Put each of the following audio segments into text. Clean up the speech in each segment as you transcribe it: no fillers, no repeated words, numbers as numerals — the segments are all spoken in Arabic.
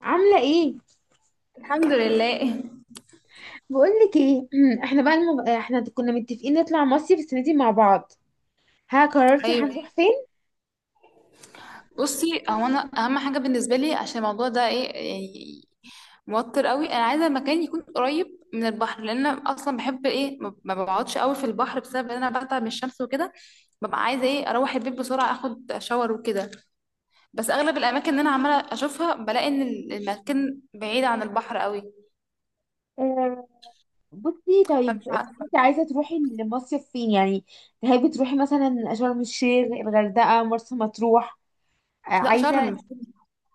عاملة ايه؟ الحمد لله. بقولك ايه. احنا كنا متفقين نطلع مصيف السنة دي مع بعض. ها قررتي ايوه. هنروح فين؟ بصي، هو انا اهم حاجه بالنسبه لي عشان الموضوع ده ايه، موتر قوي. انا عايزه مكان يكون قريب من البحر، لان انا اصلا بحب ايه ما بقعدش قوي في البحر بسبب ان انا بتعب من الشمس وكده. ببقى عايزه ايه اروح البيت بسرعه اخد شاور وكده. بس اغلب الاماكن اللي انا عماله اشوفها بلاقي ان المكان بعيد عن البحر قوي. آه، بصي طيب، فمش عارفه. انت عايزة تروحي المصيف فين يعني؟ تحبي تروحي مثلا شرم الشيخ، الغردقة، مرسى مطروح؟ لا، عايزة. شرم.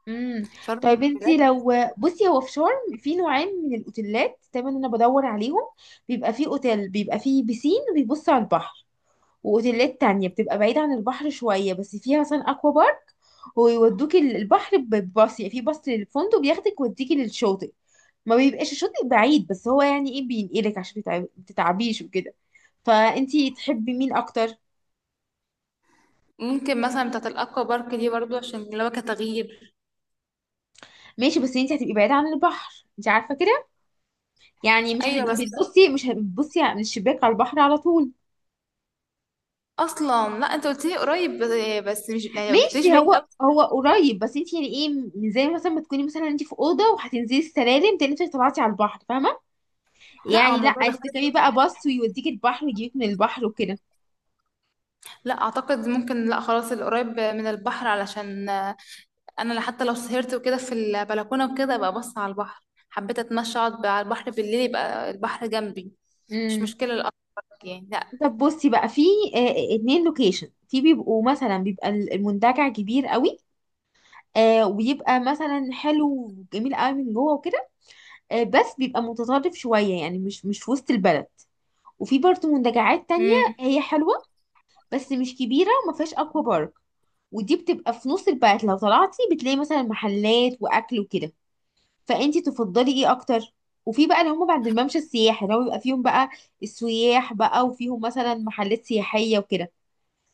امم شرم طيب انت بجد. لو... بصي هو في شرم في نوعين من الاوتيلات دايما انا بدور عليهم. بيبقى فيه اوتيل بيبقى فيه بيسين وبيبص على البحر، واوتيلات تانية بتبقى بعيدة عن البحر شوية بس فيها مثلا اكوا بارك ويودوك البحر بباص، يعني في باص للفندق بياخدك ويوديكي للشاطئ، ما بيبقاش الشاطئ بعيد، بس هو يعني ايه بينقلك عشان تتعبيش وكده. فانتي تحبي مين اكتر؟ ممكن مثلا بتاعت الاكوا بارك دي برضو عشان اللي هو كتغيير. ماشي بس انتي هتبقي بعيدة عن البحر، انتي عارفة كده، يعني مش ايوه هتبقي بس. بتبصي مش هتبصي من الشباك على البحر على طول. اصلا لا، انت قلت لي قريب، بس مش يعني ما قلتليش ماشي بعيد هو قوي. هو قريب، بس انتي يعني ايه، زي مثلا ما تكوني مثلا انتي في اوضه وهتنزلي السلالم تاني انتي طلعتي على البحر، فاهمه؟ لا، هو يعني لا، الموضوع عايزة بيختلف. تركبي بقى باص ويوديك البحر ويجيبك من البحر وكده. لا اعتقد ممكن، لا خلاص القريب من البحر، علشان انا حتى لو سهرت وكده في البلكونه وكده ابقى بص على البحر. حبيت اتمشى اقعد على البحر بالليل يبقى البحر جنبي. مش امم مشكله الأكبر. يعني لا. طب بصي بقى، في اتنين لوكيشن. في بيبقوا مثلا بيبقى المنتجع كبير قوي، وبيبقى مثلا حلو وجميل قوي من جوه وكده، بس بيبقى متطرف شوية يعني مش في وسط البلد. وفي برضه منتجعات تانية امم هي حلوة بس مش كبيرة وما فيهاش اكوا بارك، ودي بتبقى في نص البلد، لو طلعتي بتلاقي مثلا محلات واكل وكده. فانتي تفضلي ايه اكتر؟ وفي بقى اللي هم بعد الممشى السياحي، اللي هو بيبقى فيهم بقى السياح بقى وفيهم مثلا محلات سياحية وكده.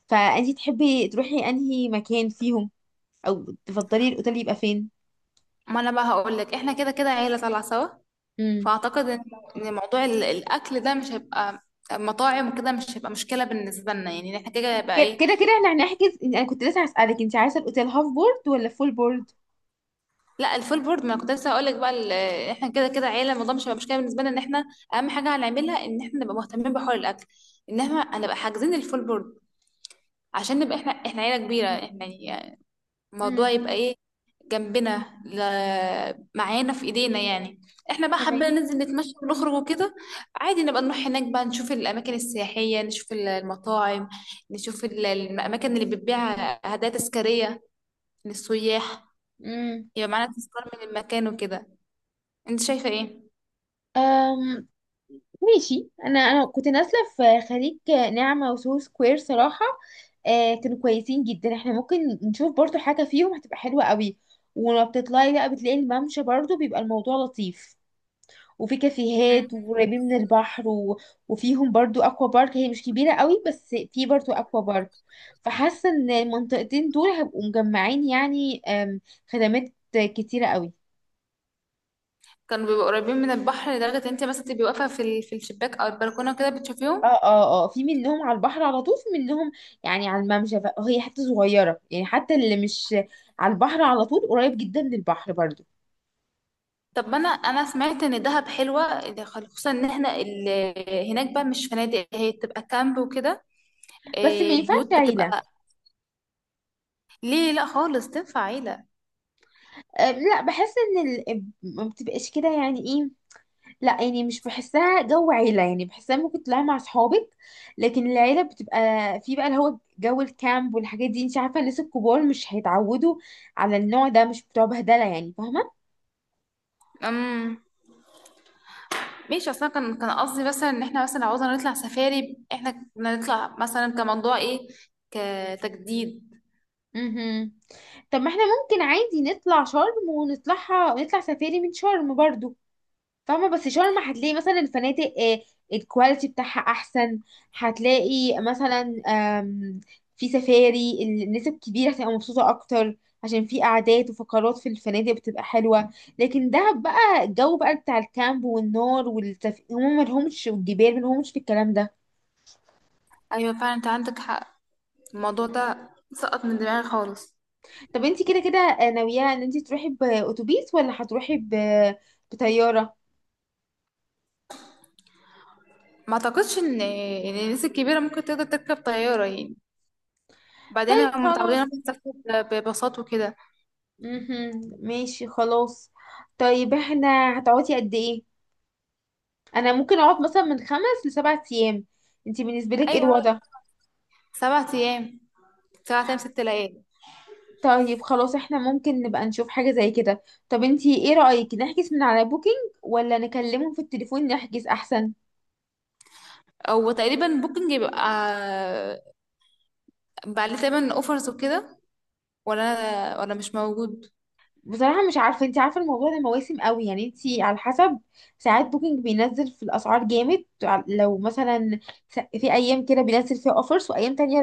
فانتي تحبي تروحي انهي مكان فيهم، او تفضلي الاوتيل يبقى فين؟ ما انا بقى هقول لك، احنا كده كده عيله طالعه سوا. امم فاعتقد إن موضوع الاكل ده مش هيبقى مطاعم وكده، مش هيبقى مشكله بالنسبه لنا، يعني احنا كده يبقى كده ايه. كده كده احنا هنحجز. انا كنت لسه هسألك، انت عايزة الاوتيل هاف بورد ولا فول بورد؟ لا، الفول بورد. ما كنت لسه هقول لك بقى احنا كده كده عيله، الموضوع مش هيبقى مشكله بالنسبه لنا، ان احنا اهم حاجه هنعملها ان احنا نبقى مهتمين بحوار الاكل، ان احنا هنبقى حاجزين الفول بورد عشان نبقى احنا عيله كبيره احنا، يعني مم. الموضوع يبقى ايه جنبنا. معانا في ايدينا يعني. احنا بقى تمام. حابين ننزل نتمشى ونخرج وكده. عادي نبقى نروح هناك بقى نشوف الاماكن السياحيه، نشوف المطاعم، نشوف الاماكن اللي بتبيع هدايا تذكاريه للسياح، يبقى معانا تذكار من المكان وكده. انت شايفه ايه؟ امم ماشي، انا كنت نازله في خليج نعمه وسو سكوير صراحه، كانوا كويسين جدا، احنا ممكن نشوف برضو حاجه فيهم هتبقى حلوه قوي. ولما بتطلعي بقى بتلاقي الممشى برضو بيبقى الموضوع لطيف، وفي كافيهات مم. وقريبين من البحر وفيهم برضو اكوا بارك، هي مش كبيره قوي بس في برضو اكوا بارك. فحاسه ان المنطقتين دول هيبقوا مجمعين، يعني خدمات كتيره قوي. كانوا بيبقوا قريبين من البحر لدرجه انت مثلا تبقي واقفه في الشباك او البلكونه كده بتشوفيهم. اه في منهم على البحر على طول، في منهم يعني على الممشى، هي حتة صغيرة يعني، حتى اللي مش على البحر على طول قريب جدا من البحر برضو. طب ما انا سمعت ان دهب حلوه، ده خصوصا ان احنا هناك بقى مش فنادق، هي بتبقى كامب وكده. بس ما إيه، ينفعش البيوت عيلة. بتبقى. ليه؟ لا خالص تنفع عيله. أه لا، بحس ان ال... آه، ما بتبقاش كده يعني ايه. لا يعني مش بحسها جو عيلة، يعني بحسها ممكن تطلعي مع اصحابك، لكن العيلة بتبقى في بقى اللي هو جو الكامب والحاجات دي، انت عارفة الناس الكبار مش هيتعودوا على النوع ده، مش بتوع بهدلة يعني فاهمة. امم ماشي. اصلا كان قصدي مثلا ان احنا مثلا لو عاوزنا نطلع سفاري احنا كنا نطلع مثلا كموضوع ايه كتجديد. مهم. طب ما احنا ممكن عادي نطلع شرم، ونطلعها نطلع سفاري من شرم برضو فاهمة. بس شرم هتلاقي مثلا الفنادق الكواليتي بتاعها احسن، هتلاقي مثلا في سفاري الناس الكبيرة هتبقى مبسوطة اكتر، عشان في قعدات وفقرات في الفنادق بتبقى حلوة. لكن دهب بقى الجو بقى بتاع الكامب والنار هم ملهمش، والجبال ملهمش في الكلام ده. ايوه فعلا، انت عندك حق. الموضوع ده سقط من دماغي خالص. طب انت كده كده ناوية ان انت تروحي بأتوبيس ولا هتروحي بطيارة؟ ما اعتقدش ان الناس الكبيره ممكن تقدر تركب طياره، يعني وبعدين طيب هم متعودين خلاص. انهم يسافروا بباصات وكده. مهم. ماشي خلاص. طيب احنا هتقعدي قد ايه؟ انا ممكن اقعد مثلا من خمس لسبع ايام، انتي بالنسبه لك ايه ايوه، الوضع؟ 7 ايام. 7 ايام 6 ليالي. طيب خلاص احنا ممكن نبقى نشوف حاجه زي كده. طب انتي ايه رايك، نحجز من على بوكينج ولا نكلمهم في التليفون نحجز احسن؟ او تقريبا بوكينج بيبقى عليه تقريبا اوفرز وكده، ولا مش موجود. بصراحه مش عارفه، انتي عارفه الموضوع ده مواسم قوي، يعني انتي على حسب، ساعات بوكينج بينزل في الاسعار جامد لو مثلا في ايام كده بينزل فيها اوفرز وايام تانية.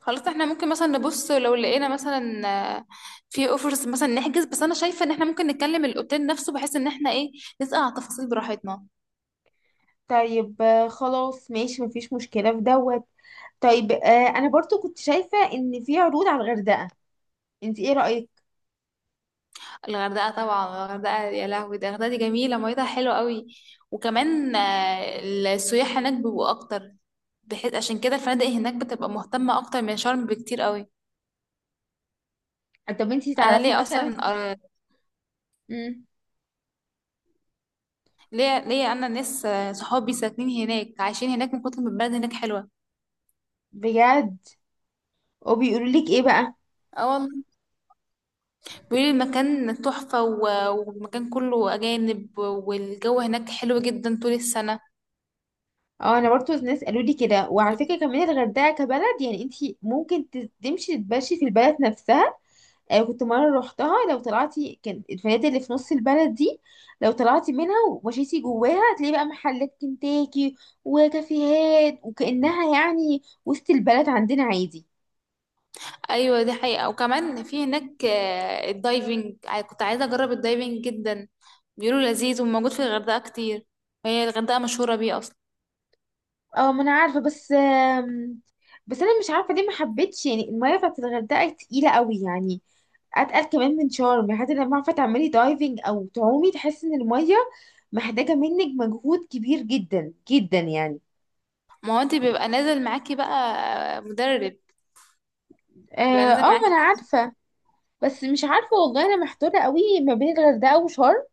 خلاص احنا ممكن مثلا نبص لو لقينا مثلا آه، في اوفرز مثلا نحجز. بس انا شايفه ان احنا ممكن نتكلم الاوتيل نفسه بحيث ان احنا ايه نسال على التفاصيل براحتنا. طيب خلاص ماشي مفيش مشكلة في دوت. طيب آه، انا برضو كنت شايفة ان في عروض على الغردقة، انت ايه رأيك؟ الغردقة طبعا، الغردقة يا لهوي، ده الغردقة دي جميلة ميتها حلوة قوي. وكمان السياح هناك بيبقوا أكتر، بحيث عشان كده الفنادق هناك بتبقى مهتمة أكتر من شرم بكتير قوي. طب انت أنا تعرفي ليه مثلا... أصلا؟ آه، امم ليه أنا ناس صحابي ساكنين هناك، عايشين هناك من كتر ما البلد هناك حلوة. بجد؟ وبيقولوا لك ايه بقى؟ اه والله، بيقولوا المكان تحفة، والمكان كله أجانب، والجو هناك حلو جدا طول السنة. اه انا برضو ناس قالوا لي كده، وعلى فكرة كمان الغردقة كبلد يعني انت ممكن تمشي تتمشي في البلد نفسها. كنت مرة روحتها، لو طلعتي، كان الفنادق اللي في نص البلد دي لو طلعتي منها ومشيتي جواها هتلاقي بقى محلات كنتاكي وكافيهات، وكأنها يعني وسط البلد عندنا عادي. ايوه دي حقيقة، وكمان في هناك الدايفنج، كنت عايزة اجرب الدايفنج جدا. بيقولوا لذيذ وموجود في الغردقة كتير، وهي الغردقة مشهورة بيه اصلا. اه ما انا عارفة، بس بس انا مش عارفة ليه ما حبيتش، يعني المية بتاعت الغردقة تقيلة قوي يعني، اتقل كمان من شرم يعني، حتى لما عارفة تعملي دايفنج او تعومي تحسي ان المية محتاجة منك مجهود كبير جدا جدا يعني. ما هو انت بيبقى نازل معاكي بقى مدرب، بيبقى اه. نازل ما معاكي. انا عارفة، بس مش عارفة والله أنا محتارة قوي ما بين الغردقة وشرم.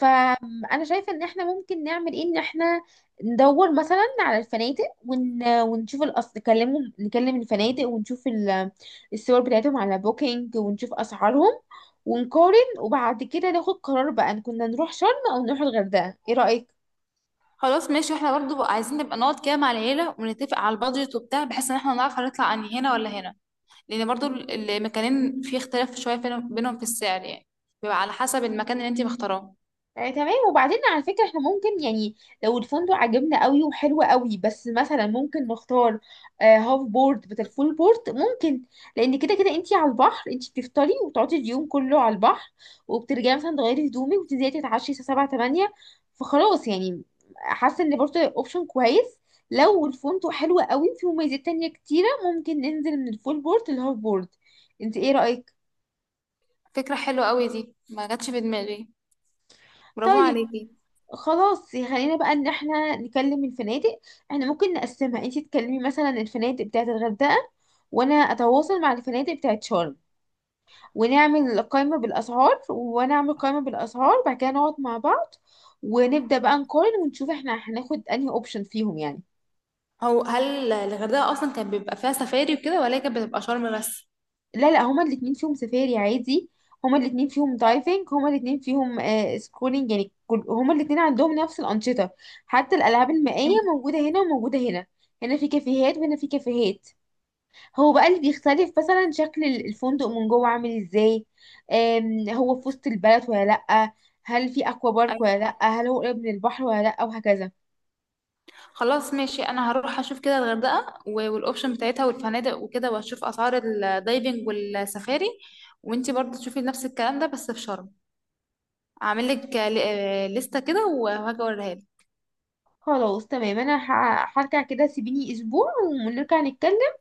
فأنا شايفة إن إحنا ممكن نعمل إيه، إن إحنا ندور مثلا على الفنادق ونشوف الأصل، نكلمهم، نكلم الفنادق ونشوف الصور بتاعتهم على بوكينج ونشوف أسعارهم ونقارن، وبعد كده ناخد قرار بقى إن كنا نروح شرم أو نروح الغردقة. إيه رأيك؟ خلاص ماشي، احنا برضو بقى عايزين نبقى نقعد كده مع العيلة ونتفق على البادجت وبتاع، بحيث ان احنا نعرف هنطلع انهي، هنا ولا هنا. لان برضو المكانين في اختلاف شوية بينهم في السعر، يعني بيبقى على حسب المكان اللي انت مختاراه. تمام. وبعدين على فكرة احنا ممكن يعني، لو الفندق عجبنا قوي وحلو قوي، بس مثلا ممكن نختار هاف بورد بدل فول بورد ممكن، لان كده كده انتي على البحر، انتي بتفطري وتقعدي اليوم كله على البحر وبترجعي مثلا تغيري هدومك وتنزلي تتعشي الساعة 7 8، فخلاص يعني، حاسة ان برضه اوبشن كويس، لو الفندق حلو قوي وفيه مميزات تانية كتيرة ممكن ننزل من الفول بورد للهاف بورد. انتي ايه رأيك؟ فكرة حلوة قوي دي، ما جاتش في دماغي. برافو طيب عليكي. خلاص، خلينا بقى ان احنا نكلم الفنادق، احنا ممكن نقسمها، انتي تكلمي مثلا الفنادق بتاعه الغردقة، وانا اتواصل مع الفنادق بتاعه شرم، ونعمل قائمة بالاسعار، وانا اعمل قائمة بالاسعار، بعد كده نقعد مع بعض ونبدأ بقى نقارن ونشوف احنا هناخد انهي اوبشن فيهم يعني. هو هل الغردقة أصلا كان بيبقى فيها سفاري وكده، ولا هي كانت بتبقى شرم بس؟ لا لا، هما الاتنين فيهم سفاري عادي، هما الاتنين فيهم دايفنج، هما الاتنين فيهم سكولينج، يعني كل هما الاتنين عندهم نفس الأنشطة، حتى الألعاب المائية موجودة هنا وموجودة هنا، هنا في كافيهات وهنا في كافيهات. هو بقى اللي بيختلف مثلا شكل الفندق من جوه عامل ازاي، هو في وسط البلد ولا لأ، هل في أكوا بارك ولا ايوه لأ، هل هو قريب من البحر ولا لأ، وهكذا. خلاص ماشي، أنا هروح أشوف كده الغردقة والأوبشن بتاعتها والفنادق وكده، وأشوف أسعار الدايفنج والسفاري. وأنتي برضه تشوفي نفس الكلام ده بس في شرم. أعمل لك لستة كده وهاجي أوريها لك. خلاص تمام، أنا هرجع كده، سيبيني أسبوع ونرجع نتكلم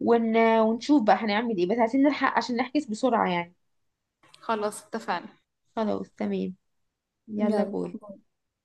ونشوف بقى هنعمل ايه، بس عايزين نلحق عشان نحجز بسرعة يعني. خلاص اتفقنا. خلاص تمام. يلا باي. يلا.